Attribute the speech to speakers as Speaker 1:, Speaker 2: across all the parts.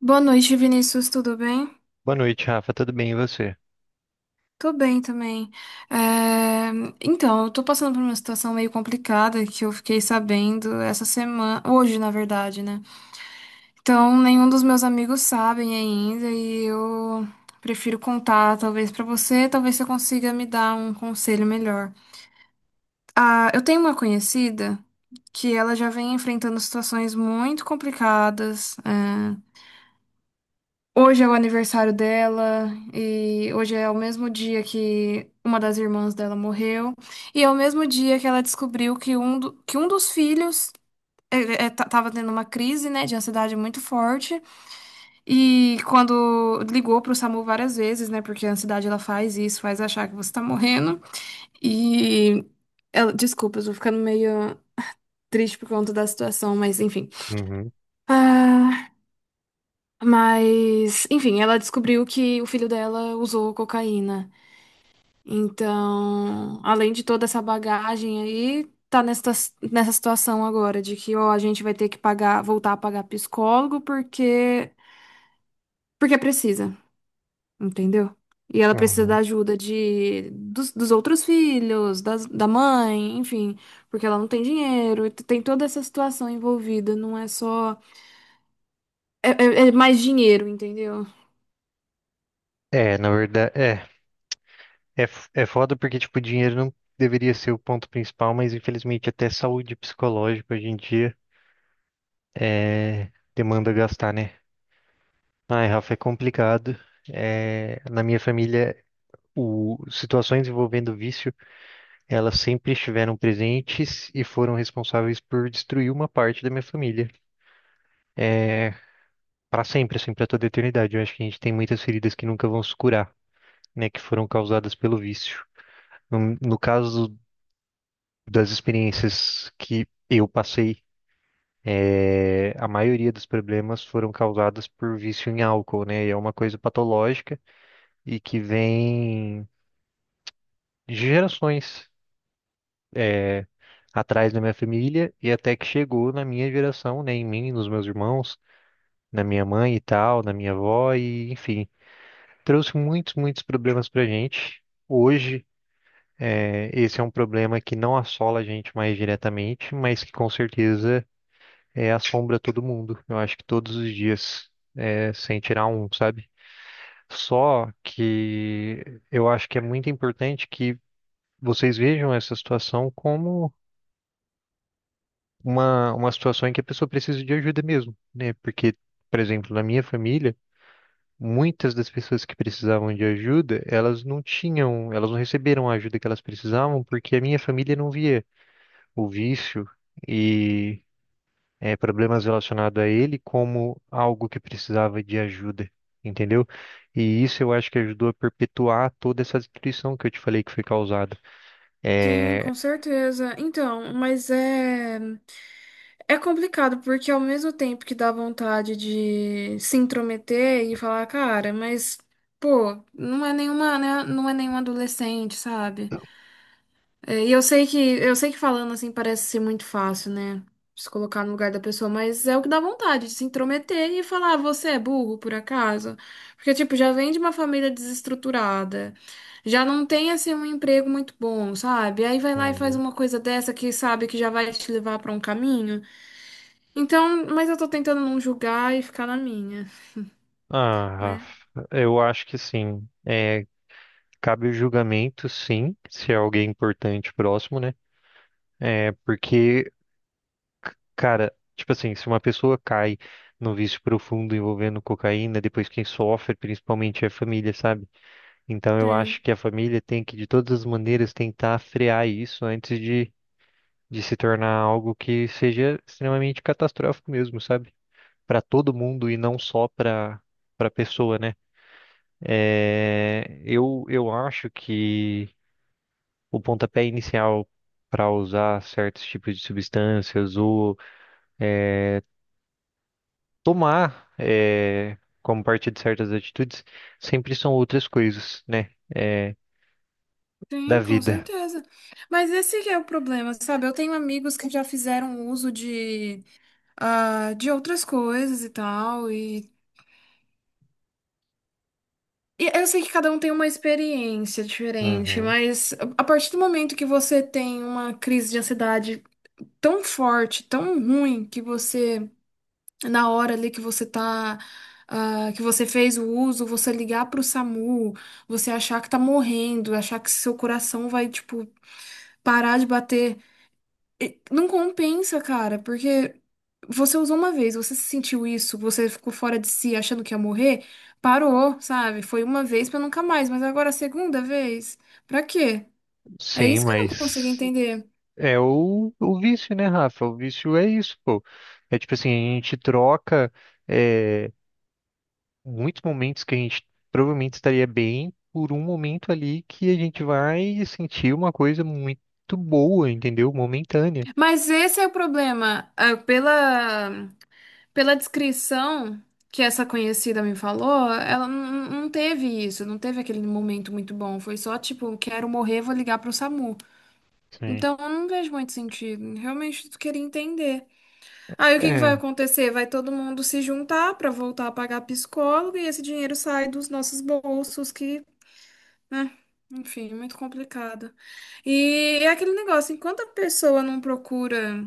Speaker 1: Boa noite, Vinícius, tudo bem?
Speaker 2: Boa noite, Rafa. Tudo bem e você?
Speaker 1: Tô bem também. É, Então, eu tô passando por uma situação meio complicada que eu fiquei sabendo essa semana, hoje, na verdade, né? Então, nenhum dos meus amigos sabem ainda e eu prefiro contar, talvez pra você, talvez você consiga me dar um conselho melhor. Eu tenho uma conhecida que ela já vem enfrentando situações muito complicadas. Hoje é o aniversário dela e hoje é o mesmo dia que uma das irmãs dela morreu e é o mesmo dia que ela descobriu que que um dos filhos tava tendo uma crise, né, de ansiedade muito forte e quando ligou pro SAMU várias vezes, né, porque a ansiedade ela faz isso, faz achar que você tá morrendo e ela, desculpa, eu tô ficando meio triste por conta da situação, mas enfim.
Speaker 2: Uhum,
Speaker 1: Ah, Mas, enfim, ela descobriu que o filho dela usou cocaína. Então, além de toda essa bagagem aí, tá nessa situação agora de que ó, a gente vai ter que pagar, voltar a pagar psicólogo porque precisa, entendeu? E ela precisa da
Speaker 2: uhum.
Speaker 1: ajuda dos outros filhos, da mãe, enfim, porque ela não tem dinheiro, e tem toda essa situação envolvida, não é só é mais dinheiro, entendeu?
Speaker 2: É, na verdade, é foda porque, tipo, dinheiro não deveria ser o ponto principal, mas infelizmente até saúde psicológica hoje em dia demanda gastar, né? Ai, Rafa, é complicado. É, na minha família, situações envolvendo vício, elas sempre estiveram presentes e foram responsáveis por destruir uma parte da minha família. É, para sempre, assim, para toda a eternidade. Eu acho que a gente tem muitas feridas que nunca vão se curar, né, que foram causadas pelo vício. No caso das experiências que eu passei, a maioria dos problemas foram causadas por vício em álcool, né? E é uma coisa patológica e que vem de gerações. é, atrás da minha família e até que chegou na minha geração, né, em mim, nos meus irmãos, na minha mãe e tal, na minha avó e enfim, trouxe muitos, muitos problemas pra gente. Hoje, esse é um problema que não assola a gente mais diretamente, mas que com certeza assombra todo mundo. Eu acho que todos os dias, sem tirar um, sabe? Só que eu acho que é muito importante que vocês vejam essa situação como uma situação em que a pessoa precisa de ajuda mesmo, né? Porque, por exemplo, na minha família, muitas das pessoas que precisavam de ajuda, elas não tinham, elas não receberam a ajuda que elas precisavam porque a minha família não via o vício e problemas relacionados a ele como algo que precisava de ajuda, entendeu? E isso eu acho que ajudou a perpetuar toda essa destruição que eu te falei que foi causada.
Speaker 1: Sim,
Speaker 2: É,
Speaker 1: com certeza. Então, mas é complicado porque ao mesmo tempo que dá vontade de se intrometer e falar, cara, mas pô, não é nenhuma, né, não é nenhum adolescente, sabe? E eu sei que falando assim parece ser muito fácil, né? Se colocar no lugar da pessoa, mas é o que dá vontade de se intrometer e falar, "Ah, você é burro, por acaso? Porque, tipo, já vem de uma família desestruturada, já não tem assim um emprego muito bom, sabe? Aí vai lá e faz
Speaker 2: uhum.
Speaker 1: uma coisa dessa que sabe que já vai te levar pra um caminho. Então, mas eu tô tentando não julgar e ficar na minha,
Speaker 2: Ah,
Speaker 1: né?
Speaker 2: Rafa, eu acho que sim. Cabe o julgamento, sim, se é alguém importante próximo, né? É porque, cara, tipo assim, se uma pessoa cai num vício profundo envolvendo cocaína, depois quem sofre principalmente é a família, sabe? Então eu
Speaker 1: Sim,
Speaker 2: acho que a família tem que, de todas as maneiras, tentar frear isso antes de se tornar algo que seja extremamente catastrófico mesmo, sabe? Para todo mundo e não só para pessoa, né? É, eu acho que o pontapé inicial para usar certos tipos de substâncias ou eh, tomar como parte de certas atitudes, sempre são outras coisas, né? Da
Speaker 1: sim, com
Speaker 2: vida.
Speaker 1: certeza. Mas esse que é o problema, sabe? Eu tenho amigos que já fizeram uso de de outras coisas e tal. E eu sei que cada um tem uma experiência diferente,
Speaker 2: Uhum.
Speaker 1: mas a partir do momento que você tem uma crise de ansiedade tão forte, tão ruim, que na hora ali que você tá. Que você fez o uso, você ligar pro SAMU, você achar que tá morrendo, achar que seu coração vai, tipo, parar de bater. E não compensa, cara, porque você usou uma vez, você sentiu isso, você ficou fora de si achando que ia morrer, parou, sabe? Foi uma vez pra nunca mais, mas agora a segunda vez, pra quê? É
Speaker 2: Sim,
Speaker 1: isso que eu não consigo
Speaker 2: mas
Speaker 1: entender.
Speaker 2: é o vício, né, Rafa? O vício é isso, pô. É tipo assim, a gente troca é, muitos momentos que a gente provavelmente estaria bem por um momento ali que a gente vai sentir uma coisa muito boa, entendeu? Momentânea.
Speaker 1: Mas esse é o problema. Pela descrição que essa conhecida me falou, ela não teve isso, não teve aquele momento muito bom. Foi só tipo, quero morrer, vou ligar pro SAMU.
Speaker 2: Sim.
Speaker 1: Então eu não vejo muito sentido. Realmente eu queria entender. Aí o que que vai
Speaker 2: É,
Speaker 1: acontecer? Vai todo mundo se juntar para voltar a pagar psicólogo e esse dinheiro sai dos nossos bolsos, que, né? Enfim, é muito complicado. E é aquele negócio, enquanto a pessoa não procura.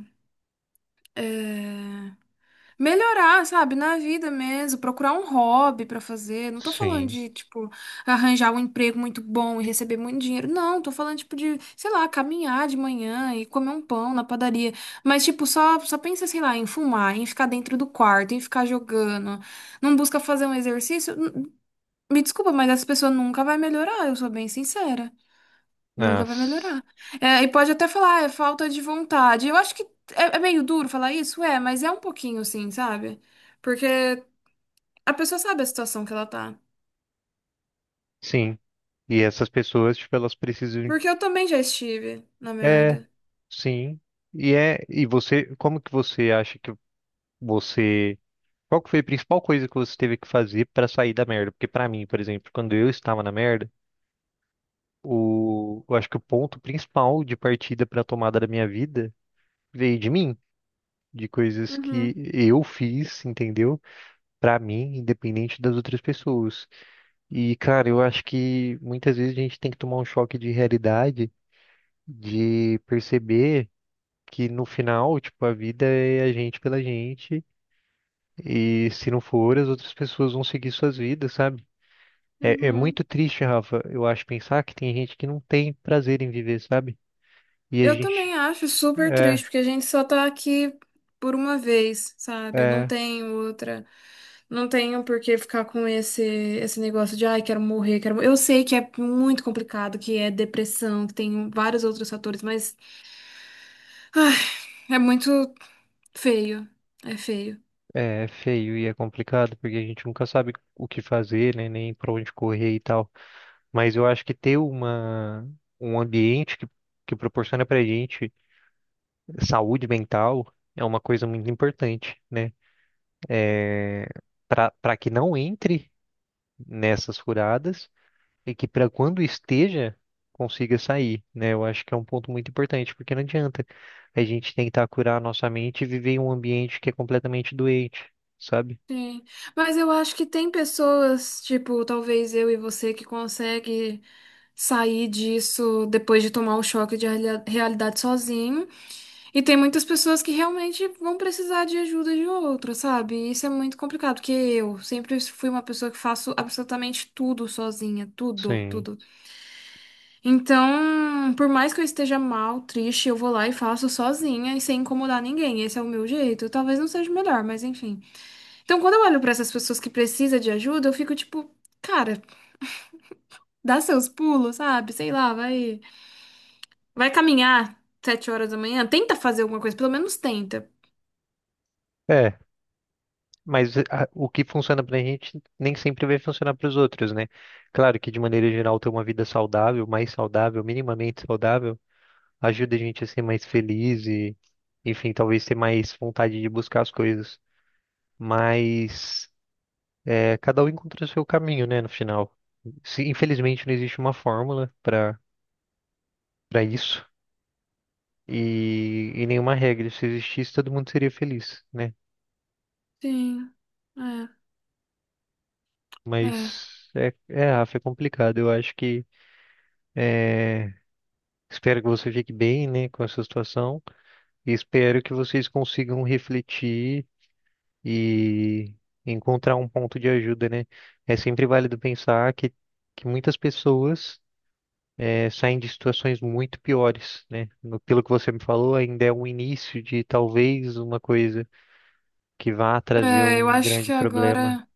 Speaker 1: Melhorar, sabe, na vida mesmo, procurar um hobby pra fazer. Não tô falando
Speaker 2: sim.
Speaker 1: de, tipo, arranjar um emprego muito bom e receber muito dinheiro. Não, tô falando, tipo, de, sei lá, caminhar de manhã e comer um pão na padaria. Mas, tipo, só pensa, sei lá, em fumar, em ficar dentro do quarto, em ficar jogando. Não busca fazer um exercício. Me desculpa, mas essa pessoa nunca vai melhorar, eu sou bem sincera.
Speaker 2: Ah,
Speaker 1: Nunca vai melhorar. É, e pode até falar, "Ah, é falta de vontade. Eu acho que é meio duro falar isso, mas é um pouquinho sim, sabe? Porque a pessoa sabe a situação que ela tá.
Speaker 2: sim. E essas pessoas, tipo, elas precisam.
Speaker 1: Porque eu também já estive na
Speaker 2: É,
Speaker 1: merda.
Speaker 2: sim. E você, como que você acha que você, qual que foi a principal coisa que você teve que fazer pra sair da merda? Porque pra mim, por exemplo, quando eu estava na merda, eu acho que o ponto principal de partida pra tomada da minha vida veio de mim, de coisas que
Speaker 1: Uhum,
Speaker 2: eu fiz, entendeu? Pra mim, independente das outras pessoas. E, cara, eu acho que muitas vezes a gente tem que tomar um choque de realidade, de perceber que no final, tipo, a vida é a gente pela gente, e se não for, as outras pessoas vão seguir suas vidas, sabe? É, é
Speaker 1: uhum.
Speaker 2: muito triste, Rafa, eu acho, pensar que tem gente que não tem prazer em viver, sabe? E a
Speaker 1: Eu também
Speaker 2: gente,
Speaker 1: acho super
Speaker 2: é,
Speaker 1: triste, porque a gente só tá aqui por uma vez, sabe?
Speaker 2: é,
Speaker 1: Não
Speaker 2: é
Speaker 1: tem outra. Não tenho por que ficar com esse negócio de, ai, quero morrer, quero morrer. Eu sei que é muito complicado, que é depressão, que tem vários outros fatores, mas. É muito feio. É feio.
Speaker 2: é feio e é complicado, porque a gente nunca sabe o que fazer, né? Nem pra onde correr e tal. Mas eu acho que ter um ambiente que proporciona pra gente saúde mental é uma coisa muito importante, né? Para que não entre nessas furadas e que para quando esteja consiga sair, né? Eu acho que é um ponto muito importante, porque não adianta a gente tentar curar a nossa mente e viver em um ambiente que é completamente doente, sabe?
Speaker 1: Sim. Mas eu acho que tem pessoas, tipo, talvez eu e você, que consegue sair disso depois de tomar o choque de realidade sozinho. E tem muitas pessoas que realmente vão precisar de ajuda de outra, sabe? E isso é muito complicado, porque eu sempre fui uma pessoa que faço absolutamente tudo sozinha,
Speaker 2: Sim.
Speaker 1: tudo. Então, por mais que eu esteja mal, triste, eu vou lá e faço sozinha e sem incomodar ninguém. Esse é o meu jeito. Talvez não seja o melhor, mas enfim. Então, quando eu olho pra essas pessoas que precisam de ajuda, eu fico tipo, cara, dá seus pulos, sabe? Sei lá, vai caminhar 7 horas da manhã, tenta fazer alguma coisa, pelo menos tenta.
Speaker 2: É, mas o que funciona pra gente nem sempre vai funcionar para os outros, né? Claro que de maneira geral ter uma vida saudável, mais saudável, minimamente saudável ajuda a gente a ser mais feliz e, enfim, talvez ter mais vontade de buscar as coisas. Mas cada um encontra o seu caminho, né, no final. Infelizmente não existe uma fórmula para isso e nenhuma regra. Se existisse, todo mundo seria feliz, né?
Speaker 1: Sim, é, é.
Speaker 2: Mas, Rafa, é complicado. Eu acho que espero que você fique bem, né, com essa situação e espero que vocês consigam refletir e encontrar um ponto de ajuda, né? É sempre válido pensar que muitas pessoas saem de situações muito piores, né? Pelo que você me falou, ainda é um início de talvez uma coisa que vá trazer
Speaker 1: É, eu
Speaker 2: um
Speaker 1: acho que
Speaker 2: grande problema.
Speaker 1: agora.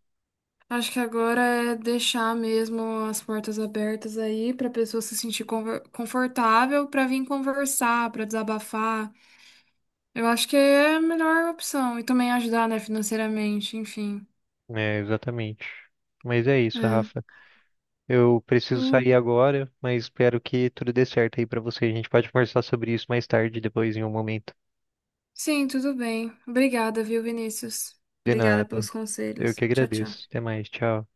Speaker 1: Acho que agora é deixar mesmo as portas abertas aí para a pessoa se sentir confortável para vir conversar, para desabafar. Eu acho que é a melhor opção e também ajudar, né, financeiramente, enfim.
Speaker 2: É, exatamente. Mas é isso, Rafa.
Speaker 1: É.
Speaker 2: Eu preciso sair
Speaker 1: Hum,
Speaker 2: agora, mas espero que tudo dê certo aí pra você. A gente pode conversar sobre isso mais tarde, depois em um momento.
Speaker 1: sim, tudo bem. Obrigada, viu, Vinícius?
Speaker 2: De
Speaker 1: Obrigada
Speaker 2: nada.
Speaker 1: pelos
Speaker 2: Eu que
Speaker 1: conselhos. Tchau,
Speaker 2: agradeço.
Speaker 1: tchau.
Speaker 2: Até mais. Tchau.